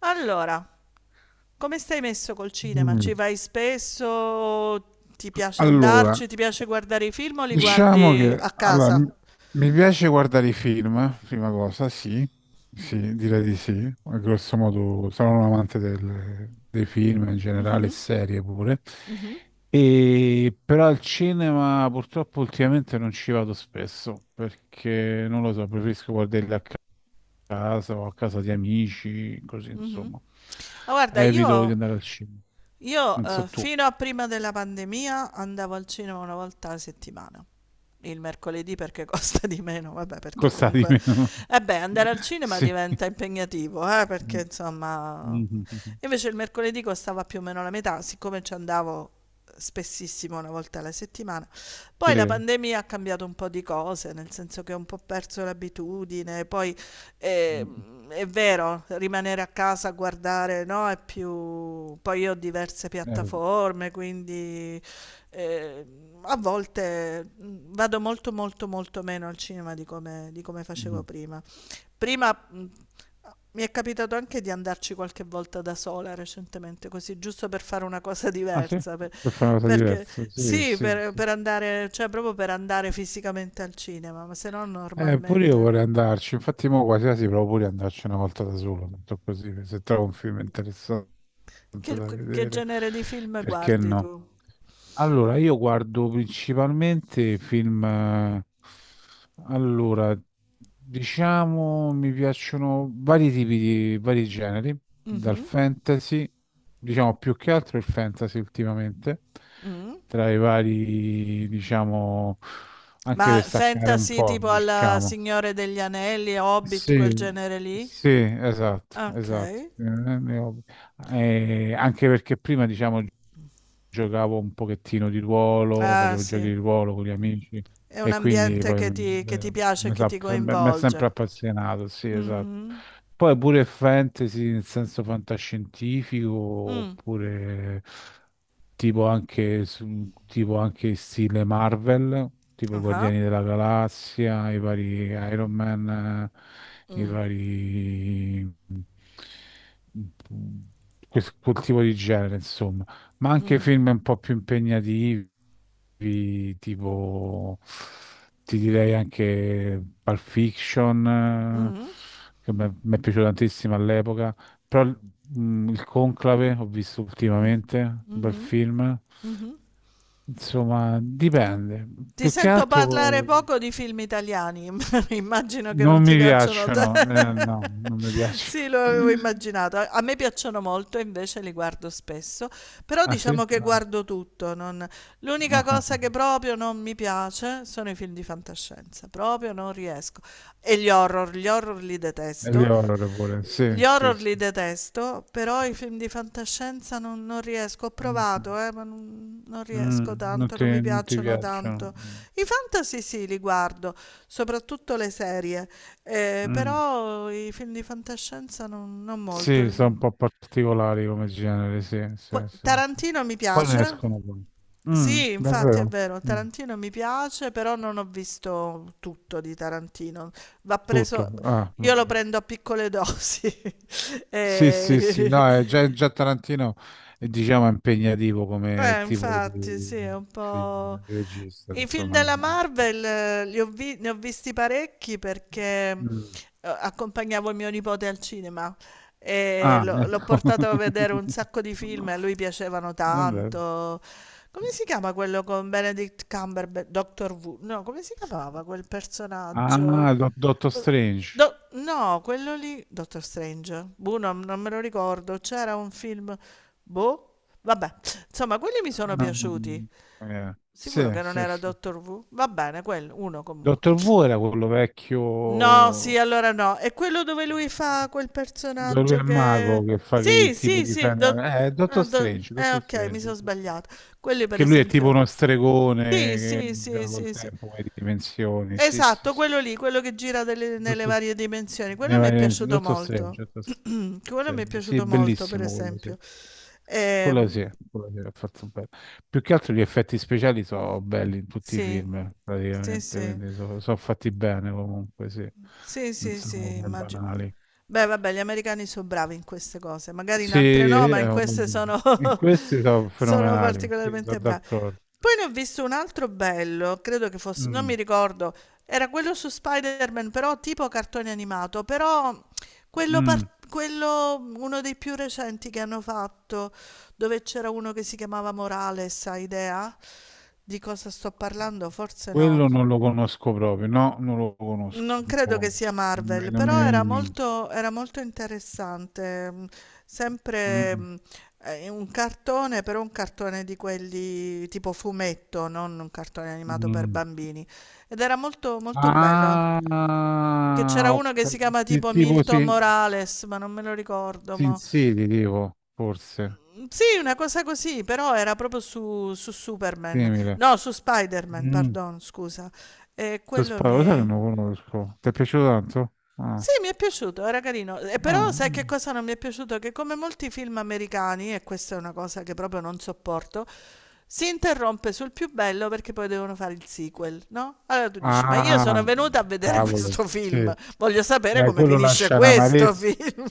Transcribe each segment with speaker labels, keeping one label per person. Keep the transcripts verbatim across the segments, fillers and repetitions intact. Speaker 1: Allora, come stai messo col cinema?
Speaker 2: Mm.
Speaker 1: Ci vai spesso? Ti piace
Speaker 2: Allora,
Speaker 1: andarci? Ti piace guardare i film o li
Speaker 2: diciamo
Speaker 1: guardi a
Speaker 2: che allora,
Speaker 1: casa?
Speaker 2: m- mi piace guardare i film, prima cosa, sì, sì, direi di sì, a grosso modo sono un amante del- dei film in generale, serie pure, e, però al cinema purtroppo ultimamente non ci vado spesso perché non lo so, preferisco guardarli a casa o a casa di amici, così
Speaker 1: Mhm.
Speaker 2: insomma,
Speaker 1: Ah, guarda,
Speaker 2: evito di
Speaker 1: io
Speaker 2: andare al cinema,
Speaker 1: Io
Speaker 2: non so
Speaker 1: eh,
Speaker 2: tu.
Speaker 1: fino a prima della pandemia andavo al cinema una volta alla settimana. Il mercoledì perché costa di meno, vabbè, perché
Speaker 2: Costa di
Speaker 1: comunque
Speaker 2: meno.
Speaker 1: eh beh, andare al cinema
Speaker 2: Sì.
Speaker 1: diventa impegnativo, eh, perché
Speaker 2: Mm,
Speaker 1: insomma,
Speaker 2: mm,
Speaker 1: invece il mercoledì costava più o meno la metà, siccome ci andavo spessissimo una volta alla settimana. Poi la
Speaker 2: sì.
Speaker 1: pandemia ha cambiato un po' di cose, nel senso che ho un po' perso l'abitudine, poi
Speaker 2: Mm,
Speaker 1: Ehm, è vero, rimanere a casa a guardare, no, è più... Poi io ho diverse
Speaker 2: Eh,
Speaker 1: piattaforme, quindi ehm, a volte mh, vado molto molto molto meno al cinema di come, di come facevo
Speaker 2: mm.
Speaker 1: prima. Prima mh, mi è capitato anche di andarci qualche volta da sola recentemente, così giusto per fare una cosa
Speaker 2: Ah sì?
Speaker 1: diversa, per-
Speaker 2: Per fare una cosa
Speaker 1: perché
Speaker 2: diversa. Sì,
Speaker 1: sì,
Speaker 2: sì,
Speaker 1: per,
Speaker 2: sì.
Speaker 1: per andare, cioè proprio per andare fisicamente al cinema, ma se no
Speaker 2: Eh, pure io
Speaker 1: normalmente.
Speaker 2: vorrei andarci. Infatti mo quasi quasi provo pure ad andarci una volta da solo, tanto così, se trovo un film interessante
Speaker 1: Che,
Speaker 2: da
Speaker 1: che
Speaker 2: vedere,
Speaker 1: genere di film
Speaker 2: perché
Speaker 1: guardi
Speaker 2: no?
Speaker 1: tu?
Speaker 2: Allora, io guardo principalmente film, eh, allora, diciamo, mi piacciono vari tipi di, vari generi, dal
Speaker 1: Mhm,
Speaker 2: fantasy, diciamo più che altro il fantasy ultimamente,
Speaker 1: mm.
Speaker 2: tra i vari, diciamo, anche
Speaker 1: Ma
Speaker 2: per staccare un
Speaker 1: fantasy
Speaker 2: po',
Speaker 1: tipo alla
Speaker 2: diciamo.
Speaker 1: Signore degli Anelli, Hobbit, quel
Speaker 2: Sì,
Speaker 1: genere lì?
Speaker 2: sì, esatto,
Speaker 1: Ok.
Speaker 2: esatto. Eh, ne ho- eh, anche perché prima, diciamo, giocavo un pochettino di ruolo,
Speaker 1: Ah,
Speaker 2: facevo giochi
Speaker 1: sì.
Speaker 2: di ruolo con gli amici
Speaker 1: È un
Speaker 2: e quindi
Speaker 1: ambiente
Speaker 2: poi
Speaker 1: che ti,
Speaker 2: mm,
Speaker 1: che ti
Speaker 2: eh,
Speaker 1: piace e
Speaker 2: mi
Speaker 1: che
Speaker 2: sa-
Speaker 1: ti
Speaker 2: mi- mi è
Speaker 1: coinvolge.
Speaker 2: sempre appassionato, sì, esatto.
Speaker 1: Mhm.
Speaker 2: Poi pure fantasy nel senso fantascientifico
Speaker 1: Mm.
Speaker 2: oppure tipo anche, su- tipo anche stile Marvel, tipo i
Speaker 1: Ah.
Speaker 2: Guardiani della Galassia, i vari Iron Man, eh, i
Speaker 1: Mm.
Speaker 2: vari... quel quel tipo di genere, insomma, ma anche
Speaker 1: Mm.
Speaker 2: film un po' più impegnativi, tipo ti direi anche Pulp Fiction, eh,
Speaker 1: Mhm.
Speaker 2: che mi mi è piaciuto tantissimo all'epoca, però mm, il Conclave ho visto
Speaker 1: Mm.
Speaker 2: ultimamente, un bel
Speaker 1: Mhm.
Speaker 2: film.
Speaker 1: Mhm.
Speaker 2: Insomma, dipende.
Speaker 1: Ti
Speaker 2: Più che
Speaker 1: sento
Speaker 2: altro
Speaker 1: parlare poco di film italiani, immagino che non
Speaker 2: non
Speaker 1: ti
Speaker 2: mi
Speaker 1: piacciono a te.
Speaker 2: piacciono. Eh, no, non mi piacciono.
Speaker 1: Sì, lo avevo immaginato. A me piacciono molto, invece li guardo spesso, però
Speaker 2: Ah sì?
Speaker 1: diciamo che
Speaker 2: No.
Speaker 1: guardo tutto. non- L'unica
Speaker 2: No.
Speaker 1: cosa che proprio non mi piace sono i film di fantascienza, proprio non riesco. E gli horror, gli horror li
Speaker 2: E gli
Speaker 1: detesto,
Speaker 2: horror pure. Sì,
Speaker 1: gli
Speaker 2: sì,
Speaker 1: horror li
Speaker 2: sì.
Speaker 1: detesto, però i film di fantascienza non, non riesco. Ho
Speaker 2: Mm-hmm.
Speaker 1: provato, eh, ma non, non
Speaker 2: Mm,
Speaker 1: riesco
Speaker 2: non
Speaker 1: tanto,
Speaker 2: ti,
Speaker 1: non mi
Speaker 2: non ti
Speaker 1: piacciono
Speaker 2: piacciono?
Speaker 1: tanto. I fantasy sì, li guardo, soprattutto le serie, eh,
Speaker 2: Mm.
Speaker 1: però i film di fantascienza non, non molto.
Speaker 2: Sì, sono
Speaker 1: Il-
Speaker 2: un po' particolari come genere, sì, sì,
Speaker 1: Qua-
Speaker 2: sì, sì.
Speaker 1: Tarantino mi
Speaker 2: Poi ne
Speaker 1: piace.
Speaker 2: escono poi. Mm,
Speaker 1: Sì, infatti è
Speaker 2: davvero?
Speaker 1: vero,
Speaker 2: Mm,
Speaker 1: Tarantino mi piace, però non ho visto tutto di Tarantino. Va
Speaker 2: tutto.
Speaker 1: preso,
Speaker 2: Ah,
Speaker 1: io lo
Speaker 2: vabbè.
Speaker 1: prendo a piccole dosi.
Speaker 2: Sì, sì, sì, no, è già,
Speaker 1: E-
Speaker 2: già Tarantino è, diciamo, impegnativo come
Speaker 1: eh,
Speaker 2: tipo
Speaker 1: infatti,
Speaker 2: di,
Speaker 1: sì, è un
Speaker 2: film,
Speaker 1: po'...
Speaker 2: di regista,
Speaker 1: I film
Speaker 2: insomma,
Speaker 1: della
Speaker 2: diciamo.
Speaker 1: Marvel eh, li ho vi- ne ho visti parecchi perché eh,
Speaker 2: Mm.
Speaker 1: accompagnavo mio nipote al cinema e
Speaker 2: Ah,
Speaker 1: lo- l'ho
Speaker 2: ecco.
Speaker 1: portato a vedere un sacco di film e a lui piacevano
Speaker 2: Vabbè.
Speaker 1: tanto. Come si chiama quello con Benedict Cumberbatch? Doctor Who? No, come si chiamava quel personaggio?
Speaker 2: Ah, Do- Dottor
Speaker 1: Quel-
Speaker 2: Strange.
Speaker 1: Do- no, quello lì, Doctor Strange. Boh, non, non me lo ricordo. C'era un film... Boh, vabbè. Insomma, quelli mi sono
Speaker 2: Ah,
Speaker 1: piaciuti.
Speaker 2: eh,
Speaker 1: Sicuro
Speaker 2: sì,
Speaker 1: che non
Speaker 2: sì,
Speaker 1: era
Speaker 2: sì.
Speaker 1: Doctor Who? Va bene, quello, uno comunque.
Speaker 2: Dottor Wu era quello
Speaker 1: No, sì,
Speaker 2: vecchio
Speaker 1: allora no. È quello dove lui fa quel
Speaker 2: dove lui
Speaker 1: personaggio
Speaker 2: è
Speaker 1: che...
Speaker 2: mago che fa che che
Speaker 1: Sì,
Speaker 2: tipo
Speaker 1: sì,
Speaker 2: di
Speaker 1: sì. do-
Speaker 2: Eh,
Speaker 1: eh,
Speaker 2: Dottor
Speaker 1: do-
Speaker 2: Strange,
Speaker 1: eh,
Speaker 2: Dottor
Speaker 1: ok, mi
Speaker 2: Strange.
Speaker 1: sono
Speaker 2: Sì, sì.
Speaker 1: sbagliato. Quelli per
Speaker 2: Che lui è tipo
Speaker 1: esempio...
Speaker 2: uno stregone
Speaker 1: Sì,
Speaker 2: che
Speaker 1: sì, sì,
Speaker 2: gioca col
Speaker 1: sì, sì.
Speaker 2: tempo, con le dimensioni. Sì, sì,
Speaker 1: Esatto,
Speaker 2: sì.
Speaker 1: quello lì, quello che gira delle- nelle
Speaker 2: Dottor-
Speaker 1: varie dimensioni.
Speaker 2: ne
Speaker 1: Quello mi è
Speaker 2: vai-
Speaker 1: piaciuto
Speaker 2: Dottor Strange,
Speaker 1: molto.
Speaker 2: Dottor
Speaker 1: Quello mi è
Speaker 2: Strange. Sì, è
Speaker 1: piaciuto molto, per
Speaker 2: bellissimo quello, sì.
Speaker 1: esempio.
Speaker 2: Quello
Speaker 1: Ehm,
Speaker 2: sì, quello sì, è fatto bene. Più che altro gli effetti speciali sono belli in tutti i
Speaker 1: sì,
Speaker 2: film,
Speaker 1: sì,
Speaker 2: praticamente,
Speaker 1: sì.
Speaker 2: quindi sono fatti bene comunque, sì.
Speaker 1: Sì,
Speaker 2: Non
Speaker 1: sì, sì,
Speaker 2: sono come
Speaker 1: immagino.
Speaker 2: banali.
Speaker 1: Beh, vabbè, gli americani sono bravi in queste cose, magari in
Speaker 2: Sì,
Speaker 1: altre no,
Speaker 2: eh,
Speaker 1: ma in queste sono,
Speaker 2: in questi sono
Speaker 1: sono
Speaker 2: fenomenali, sì, sono
Speaker 1: particolarmente bravi.
Speaker 2: d'accordo.
Speaker 1: Poi ne ho visto un altro bello, credo che fosse, non mi
Speaker 2: Mm,
Speaker 1: ricordo, era quello su Spider-Man, però tipo cartone animato, però quello,
Speaker 2: mm.
Speaker 1: par- quello, uno dei più recenti che hanno fatto, dove c'era uno che si chiamava Morales, hai idea? Di cosa sto parlando? Forse no.
Speaker 2: Quello non lo conosco proprio, no, non lo conosco,
Speaker 1: Non
Speaker 2: non lo
Speaker 1: credo che sia
Speaker 2: conosco. Non mi,
Speaker 1: Marvel,
Speaker 2: non mi
Speaker 1: però
Speaker 2: viene
Speaker 1: era
Speaker 2: in mente.
Speaker 1: molto, era molto interessante. mm, Sempre
Speaker 2: Mm,
Speaker 1: mm, eh, un cartone, però un cartone di quelli tipo fumetto, non un cartone animato per
Speaker 2: mm.
Speaker 1: bambini. Ed era molto, molto bello. Che
Speaker 2: Ah,
Speaker 1: c'era uno che
Speaker 2: ok.
Speaker 1: si chiama
Speaker 2: Sì,
Speaker 1: tipo
Speaker 2: tipo
Speaker 1: Milton
Speaker 2: si,
Speaker 1: Morales, ma non me lo ricordo.
Speaker 2: si
Speaker 1: Mo.
Speaker 2: insidi, tipo, forse,
Speaker 1: Mm, Sì, una cosa così, però era proprio su, su Superman.
Speaker 2: simile.
Speaker 1: No, su Spider-Man,
Speaker 2: Mm.
Speaker 1: pardon, scusa. E
Speaker 2: Tu
Speaker 1: quello mi
Speaker 2: sparo, lo sai che
Speaker 1: è...
Speaker 2: non lo conosco? Ti è piaciuto tanto?
Speaker 1: Sì,
Speaker 2: Ah,
Speaker 1: mi è piaciuto, era carino. E però
Speaker 2: ah,
Speaker 1: sai che
Speaker 2: mm.
Speaker 1: cosa non mi è piaciuto? Che come molti film americani, e questa è una cosa che proprio non sopporto, si interrompe sul più bello perché poi devono fare il sequel, no? Allora tu dici, ma io sono
Speaker 2: Ah,
Speaker 1: venuta a vedere
Speaker 2: cavolo,
Speaker 1: questo
Speaker 2: sì.
Speaker 1: film, voglio sapere
Speaker 2: Eh,
Speaker 1: come
Speaker 2: quello
Speaker 1: finisce
Speaker 2: lascia
Speaker 1: questo
Speaker 2: un'amarezza,
Speaker 1: film.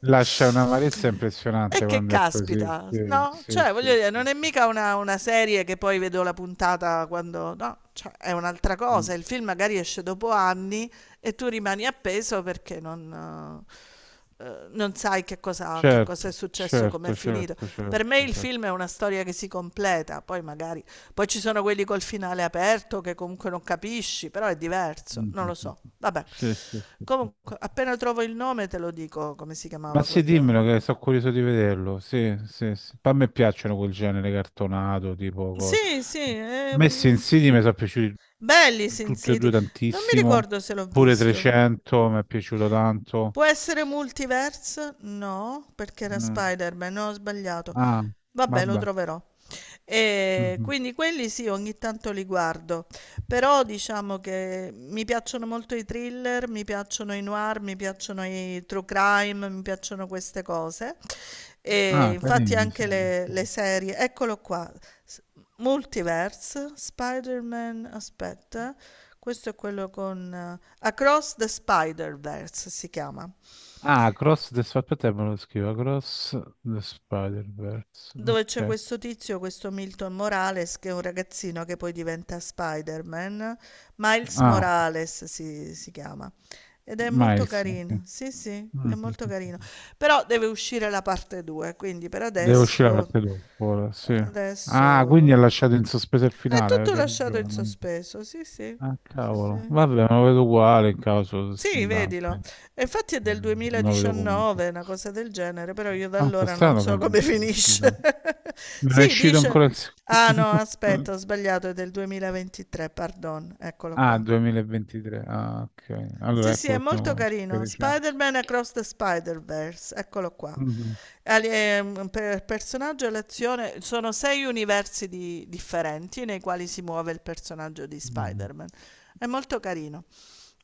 Speaker 2: lascia un'amarezza impressionante
Speaker 1: E che
Speaker 2: quando è così.
Speaker 1: caspita,
Speaker 2: Sì,
Speaker 1: no?
Speaker 2: sì,
Speaker 1: Cioè, voglio
Speaker 2: sì,
Speaker 1: dire,
Speaker 2: sì.
Speaker 1: non è
Speaker 2: Sì.
Speaker 1: mica una, una serie che poi vedo la puntata quando... No, cioè, è un'altra
Speaker 2: Mm.
Speaker 1: cosa. Il film magari esce dopo anni e tu rimani appeso perché non, eh, non sai che cosa, che
Speaker 2: Certo,
Speaker 1: cosa è successo, com'è
Speaker 2: certo,
Speaker 1: finito.
Speaker 2: certo,
Speaker 1: Per me
Speaker 2: certo,
Speaker 1: il
Speaker 2: certo.
Speaker 1: film è una storia che si completa, poi magari... Poi ci sono quelli col finale aperto che comunque non capisci, però è diverso,
Speaker 2: Mm,
Speaker 1: non
Speaker 2: mm,
Speaker 1: lo
Speaker 2: mm.
Speaker 1: so. Vabbè,
Speaker 2: Sì, sì, sì.
Speaker 1: comunque appena trovo il nome te lo dico come si
Speaker 2: Ma
Speaker 1: chiamava
Speaker 2: sì,
Speaker 1: quello.
Speaker 2: dimmelo che sono curioso di vederlo. Sì, sì, sì. Poi a me piacciono quel genere cartonato, tipo co-
Speaker 1: Sì, sì,
Speaker 2: a me Sin
Speaker 1: ehm,
Speaker 2: mi sono piaciuti
Speaker 1: belli i Sin
Speaker 2: tutti e due
Speaker 1: City. Non mi
Speaker 2: tantissimo.
Speaker 1: ricordo se l'ho
Speaker 2: Pure
Speaker 1: visto.
Speaker 2: trecento mi è piaciuto tanto.
Speaker 1: Può essere Multiverse? No, perché era
Speaker 2: Mm.
Speaker 1: Spider-Man, no, ho sbagliato.
Speaker 2: Ah,
Speaker 1: Vabbè, lo
Speaker 2: vabbè.
Speaker 1: troverò. E
Speaker 2: Mhm.
Speaker 1: quindi quelli sì, ogni tanto li guardo, però diciamo che mi piacciono molto i thriller, mi piacciono i noir, mi piacciono i true crime, mi piacciono queste cose. E
Speaker 2: Ah,
Speaker 1: infatti
Speaker 2: carini, sì.
Speaker 1: anche le, le serie, eccolo qua, S- Multiverse, Spider-Man, aspetta, questo è quello con eh, Across the Spider-Verse si chiama.
Speaker 2: Ah, Cross the Spider-Verse, me lo scrivo. Cross the Spider-Verse.
Speaker 1: Dove c'è
Speaker 2: Ok.
Speaker 1: questo tizio, questo Milton Morales, che è un ragazzino che poi diventa Spider-Man. Miles
Speaker 2: Ah,
Speaker 1: Morales si, si chiama. Ed è molto
Speaker 2: Miles. Ok.
Speaker 1: carino. Sì, sì, è molto
Speaker 2: Mhm.
Speaker 1: carino. Però deve uscire la parte due, quindi per
Speaker 2: Deve uscire la
Speaker 1: adesso,
Speaker 2: parte dopo, ora, sì. Ah, quindi
Speaker 1: adesso
Speaker 2: ha lasciato in sospeso il
Speaker 1: è
Speaker 2: finale,
Speaker 1: tutto
Speaker 2: c'è
Speaker 1: lasciato
Speaker 2: ragione.
Speaker 1: in
Speaker 2: non-
Speaker 1: sospeso. Sì, sì,
Speaker 2: Ah,
Speaker 1: sì,
Speaker 2: cavolo.
Speaker 1: sì.
Speaker 2: Vabbè, non lo vedo uguale in caso, s-
Speaker 1: Sì,
Speaker 2: da-
Speaker 1: vedilo. E infatti è del
Speaker 2: non lo vedo comunque.
Speaker 1: duemiladiciannove, una cosa del genere, però io da
Speaker 2: Ah, sta
Speaker 1: allora non
Speaker 2: strano che
Speaker 1: so come
Speaker 2: non è uscito.
Speaker 1: finisce.
Speaker 2: Non è
Speaker 1: Sì,
Speaker 2: uscito
Speaker 1: dice...
Speaker 2: ancora il
Speaker 1: Ah
Speaker 2: secondo.
Speaker 1: no, aspetta, ho sbagliato, è del duemilaventitré, pardon, eccolo
Speaker 2: Ah,
Speaker 1: qua.
Speaker 2: duemilaventitré. Ah, ok. Allora
Speaker 1: Sì, sì,
Speaker 2: ecco
Speaker 1: è
Speaker 2: perché non
Speaker 1: molto
Speaker 2: conosco, che è
Speaker 1: carino.
Speaker 2: recente.
Speaker 1: Spider-Man Across the Spider-Verse, eccolo qua.
Speaker 2: Mhm,
Speaker 1: Ali- ehm, Per personaggio e l'azione sono sei universi di- differenti nei quali si muove il personaggio di
Speaker 2: mhm.
Speaker 1: Spider-Man. È molto carino.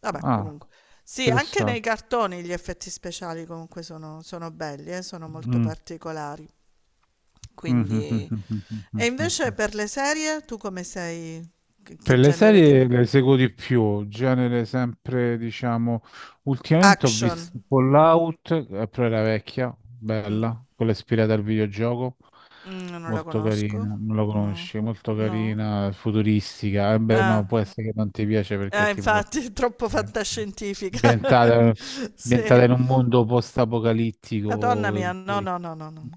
Speaker 1: Vabbè,
Speaker 2: Ah,
Speaker 1: comunque. Sì, anche nei
Speaker 2: interessante.
Speaker 1: cartoni gli effetti speciali comunque sono, sono belli, eh, sono molto
Speaker 2: Mm.
Speaker 1: particolari. Quindi... E invece per le serie, tu come sei? Che che
Speaker 2: Per le
Speaker 1: genere di...
Speaker 2: serie le seguo di più, genere sempre, diciamo, ultimamente ho visto
Speaker 1: Action.
Speaker 2: Fallout, eh, però era vecchia,
Speaker 1: Mm.
Speaker 2: bella, quella ispirata al videogioco,
Speaker 1: Mhmm, non la
Speaker 2: molto
Speaker 1: conosco.
Speaker 2: carina, non la
Speaker 1: No,
Speaker 2: conosci, molto
Speaker 1: no.
Speaker 2: carina, futuristica, eh beh no,
Speaker 1: Ah,
Speaker 2: può essere che non ti piace perché è
Speaker 1: eh
Speaker 2: tipo
Speaker 1: infatti è troppo
Speaker 2: fantastica.
Speaker 1: fantascientifica.
Speaker 2: ambientata, ambientata
Speaker 1: Sì.
Speaker 2: in un mondo
Speaker 1: Madonna
Speaker 2: post-apocalittico,
Speaker 1: mia,
Speaker 2: e
Speaker 1: no,
Speaker 2: poi
Speaker 1: no, no, no, no,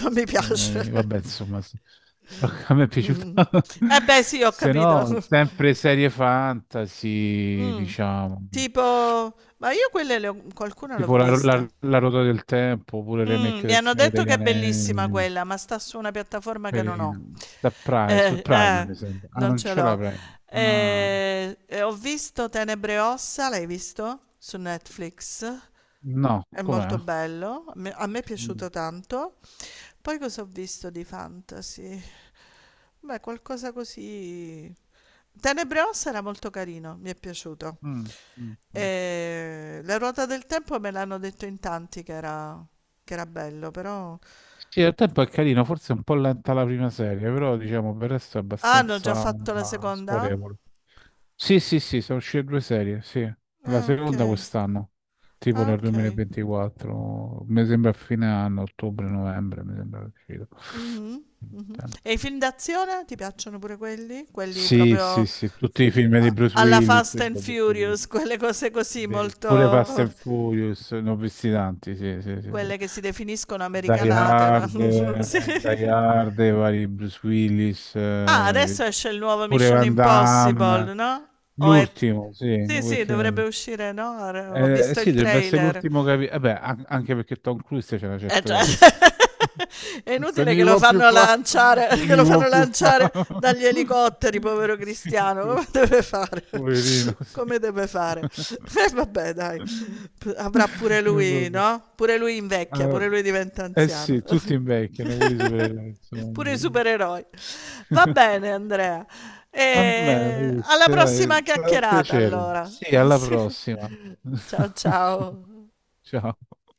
Speaker 1: non mi piace.
Speaker 2: eh, vabbè, insomma, s- a me è piaciuta.
Speaker 1: Eh beh sì, ho
Speaker 2: Se
Speaker 1: capito.
Speaker 2: no, sempre serie fantasy,
Speaker 1: Mh,
Speaker 2: diciamo,
Speaker 1: tipo ma io quelle le ho qualcuna l'ho
Speaker 2: tipo la,
Speaker 1: vista.
Speaker 2: la, la ruota del tempo, oppure il
Speaker 1: Mh,
Speaker 2: remake
Speaker 1: mi
Speaker 2: del
Speaker 1: hanno
Speaker 2: Signore
Speaker 1: detto
Speaker 2: degli
Speaker 1: che è bellissima
Speaker 2: Anelli.
Speaker 1: quella, ma sta su una piattaforma che non ho.
Speaker 2: Carino. Sta Prime, su
Speaker 1: Eh,
Speaker 2: Prime
Speaker 1: eh,
Speaker 2: mi sembra. Ah,
Speaker 1: non
Speaker 2: non
Speaker 1: ce
Speaker 2: ce l'hai
Speaker 1: l'ho.
Speaker 2: Prime. Ah,
Speaker 1: Ehm, e ho visto Tenebre e ossa, l'hai visto? Su Netflix.
Speaker 2: no,
Speaker 1: È
Speaker 2: com'è?
Speaker 1: molto bello, a me, a me è
Speaker 2: Mm,
Speaker 1: piaciuto tanto. Poi cosa ho visto di fantasy? Beh, qualcosa così. Tenebrosa era molto carino, mi è piaciuto.
Speaker 2: mm, mm, mm.
Speaker 1: E La ruota del tempo me l'hanno detto in tanti che era, che era bello, però.
Speaker 2: Sì, al tempo è carino, forse è un po' lenta la prima serie, però diciamo per il resto è
Speaker 1: Ah, hanno già
Speaker 2: abbastanza
Speaker 1: fatto la
Speaker 2: mm,
Speaker 1: seconda?
Speaker 2: scorrevole. Sì, sì, sì, sono uscite due serie, sì. La
Speaker 1: Ah, ok.
Speaker 2: seconda quest'anno, tipo
Speaker 1: Ah,
Speaker 2: nel
Speaker 1: ok.
Speaker 2: duemilaventiquattro, mi sembra a fine anno, ottobre-novembre, mi sembra che è uscito.
Speaker 1: Mhm, mhm. E i film d'azione ti piacciono pure quelli? Quelli
Speaker 2: Sì,
Speaker 1: proprio
Speaker 2: sì, sì, tutti i film di
Speaker 1: a-
Speaker 2: Bruce
Speaker 1: alla
Speaker 2: Willis,
Speaker 1: Fast
Speaker 2: sì,
Speaker 1: and
Speaker 2: ho visto
Speaker 1: Furious,
Speaker 2: tutti.
Speaker 1: quelle cose così
Speaker 2: Beh, pure Fast
Speaker 1: molto.
Speaker 2: and Furious, ne ho visti tanti, sì, sì, sì, sì.
Speaker 1: Quelle che si definiscono
Speaker 2: Die
Speaker 1: americanate,
Speaker 2: Hard,
Speaker 1: ma sì.
Speaker 2: eh, Die Hard, i vari Bruce Willis,
Speaker 1: Ah,
Speaker 2: eh,
Speaker 1: adesso esce il nuovo
Speaker 2: pure
Speaker 1: Mission
Speaker 2: Van
Speaker 1: Impossible,
Speaker 2: Damme,
Speaker 1: no, o è t
Speaker 2: l'ultimo, sì,
Speaker 1: sì, sì, dovrebbe
Speaker 2: Wicked.
Speaker 1: uscire, no, re ho
Speaker 2: Eh,
Speaker 1: visto
Speaker 2: sì,
Speaker 1: il
Speaker 2: dovrebbe essere
Speaker 1: trailer.
Speaker 2: l'ultimo capitolo. Vabbè, an- anche perché Tom Cruise c'è una
Speaker 1: Eh,
Speaker 2: certa
Speaker 1: cioè
Speaker 2: danza.
Speaker 1: è
Speaker 2: Se
Speaker 1: inutile
Speaker 2: ne
Speaker 1: che lo
Speaker 2: può più
Speaker 1: fanno
Speaker 2: fare,
Speaker 1: lanciare
Speaker 2: non
Speaker 1: che
Speaker 2: ne
Speaker 1: lo
Speaker 2: può
Speaker 1: fanno
Speaker 2: più fare.
Speaker 1: lanciare dagli elicotteri, povero
Speaker 2: Sì,
Speaker 1: Cristiano, come deve fare?
Speaker 2: poverino, sì.
Speaker 1: Come deve fare? E Eh, vabbè dai, p avrà pure
Speaker 2: E
Speaker 1: lui,
Speaker 2: vabbè.
Speaker 1: no, pure lui invecchia,
Speaker 2: Ah,
Speaker 1: pure lui diventa
Speaker 2: eh
Speaker 1: anziano.
Speaker 2: sì, tutti invecchiano, pure i supereroi,
Speaker 1: Pure i
Speaker 2: insomma.
Speaker 1: supereroi. Va bene, Andrea.
Speaker 2: Va bene,
Speaker 1: E alla
Speaker 2: Maurizio, dai, è
Speaker 1: prossima
Speaker 2: stato un
Speaker 1: chiacchierata,
Speaker 2: piacere.
Speaker 1: allora.
Speaker 2: Sì, alla
Speaker 1: Sì.
Speaker 2: prossima.
Speaker 1: Ciao ciao.
Speaker 2: Ciao.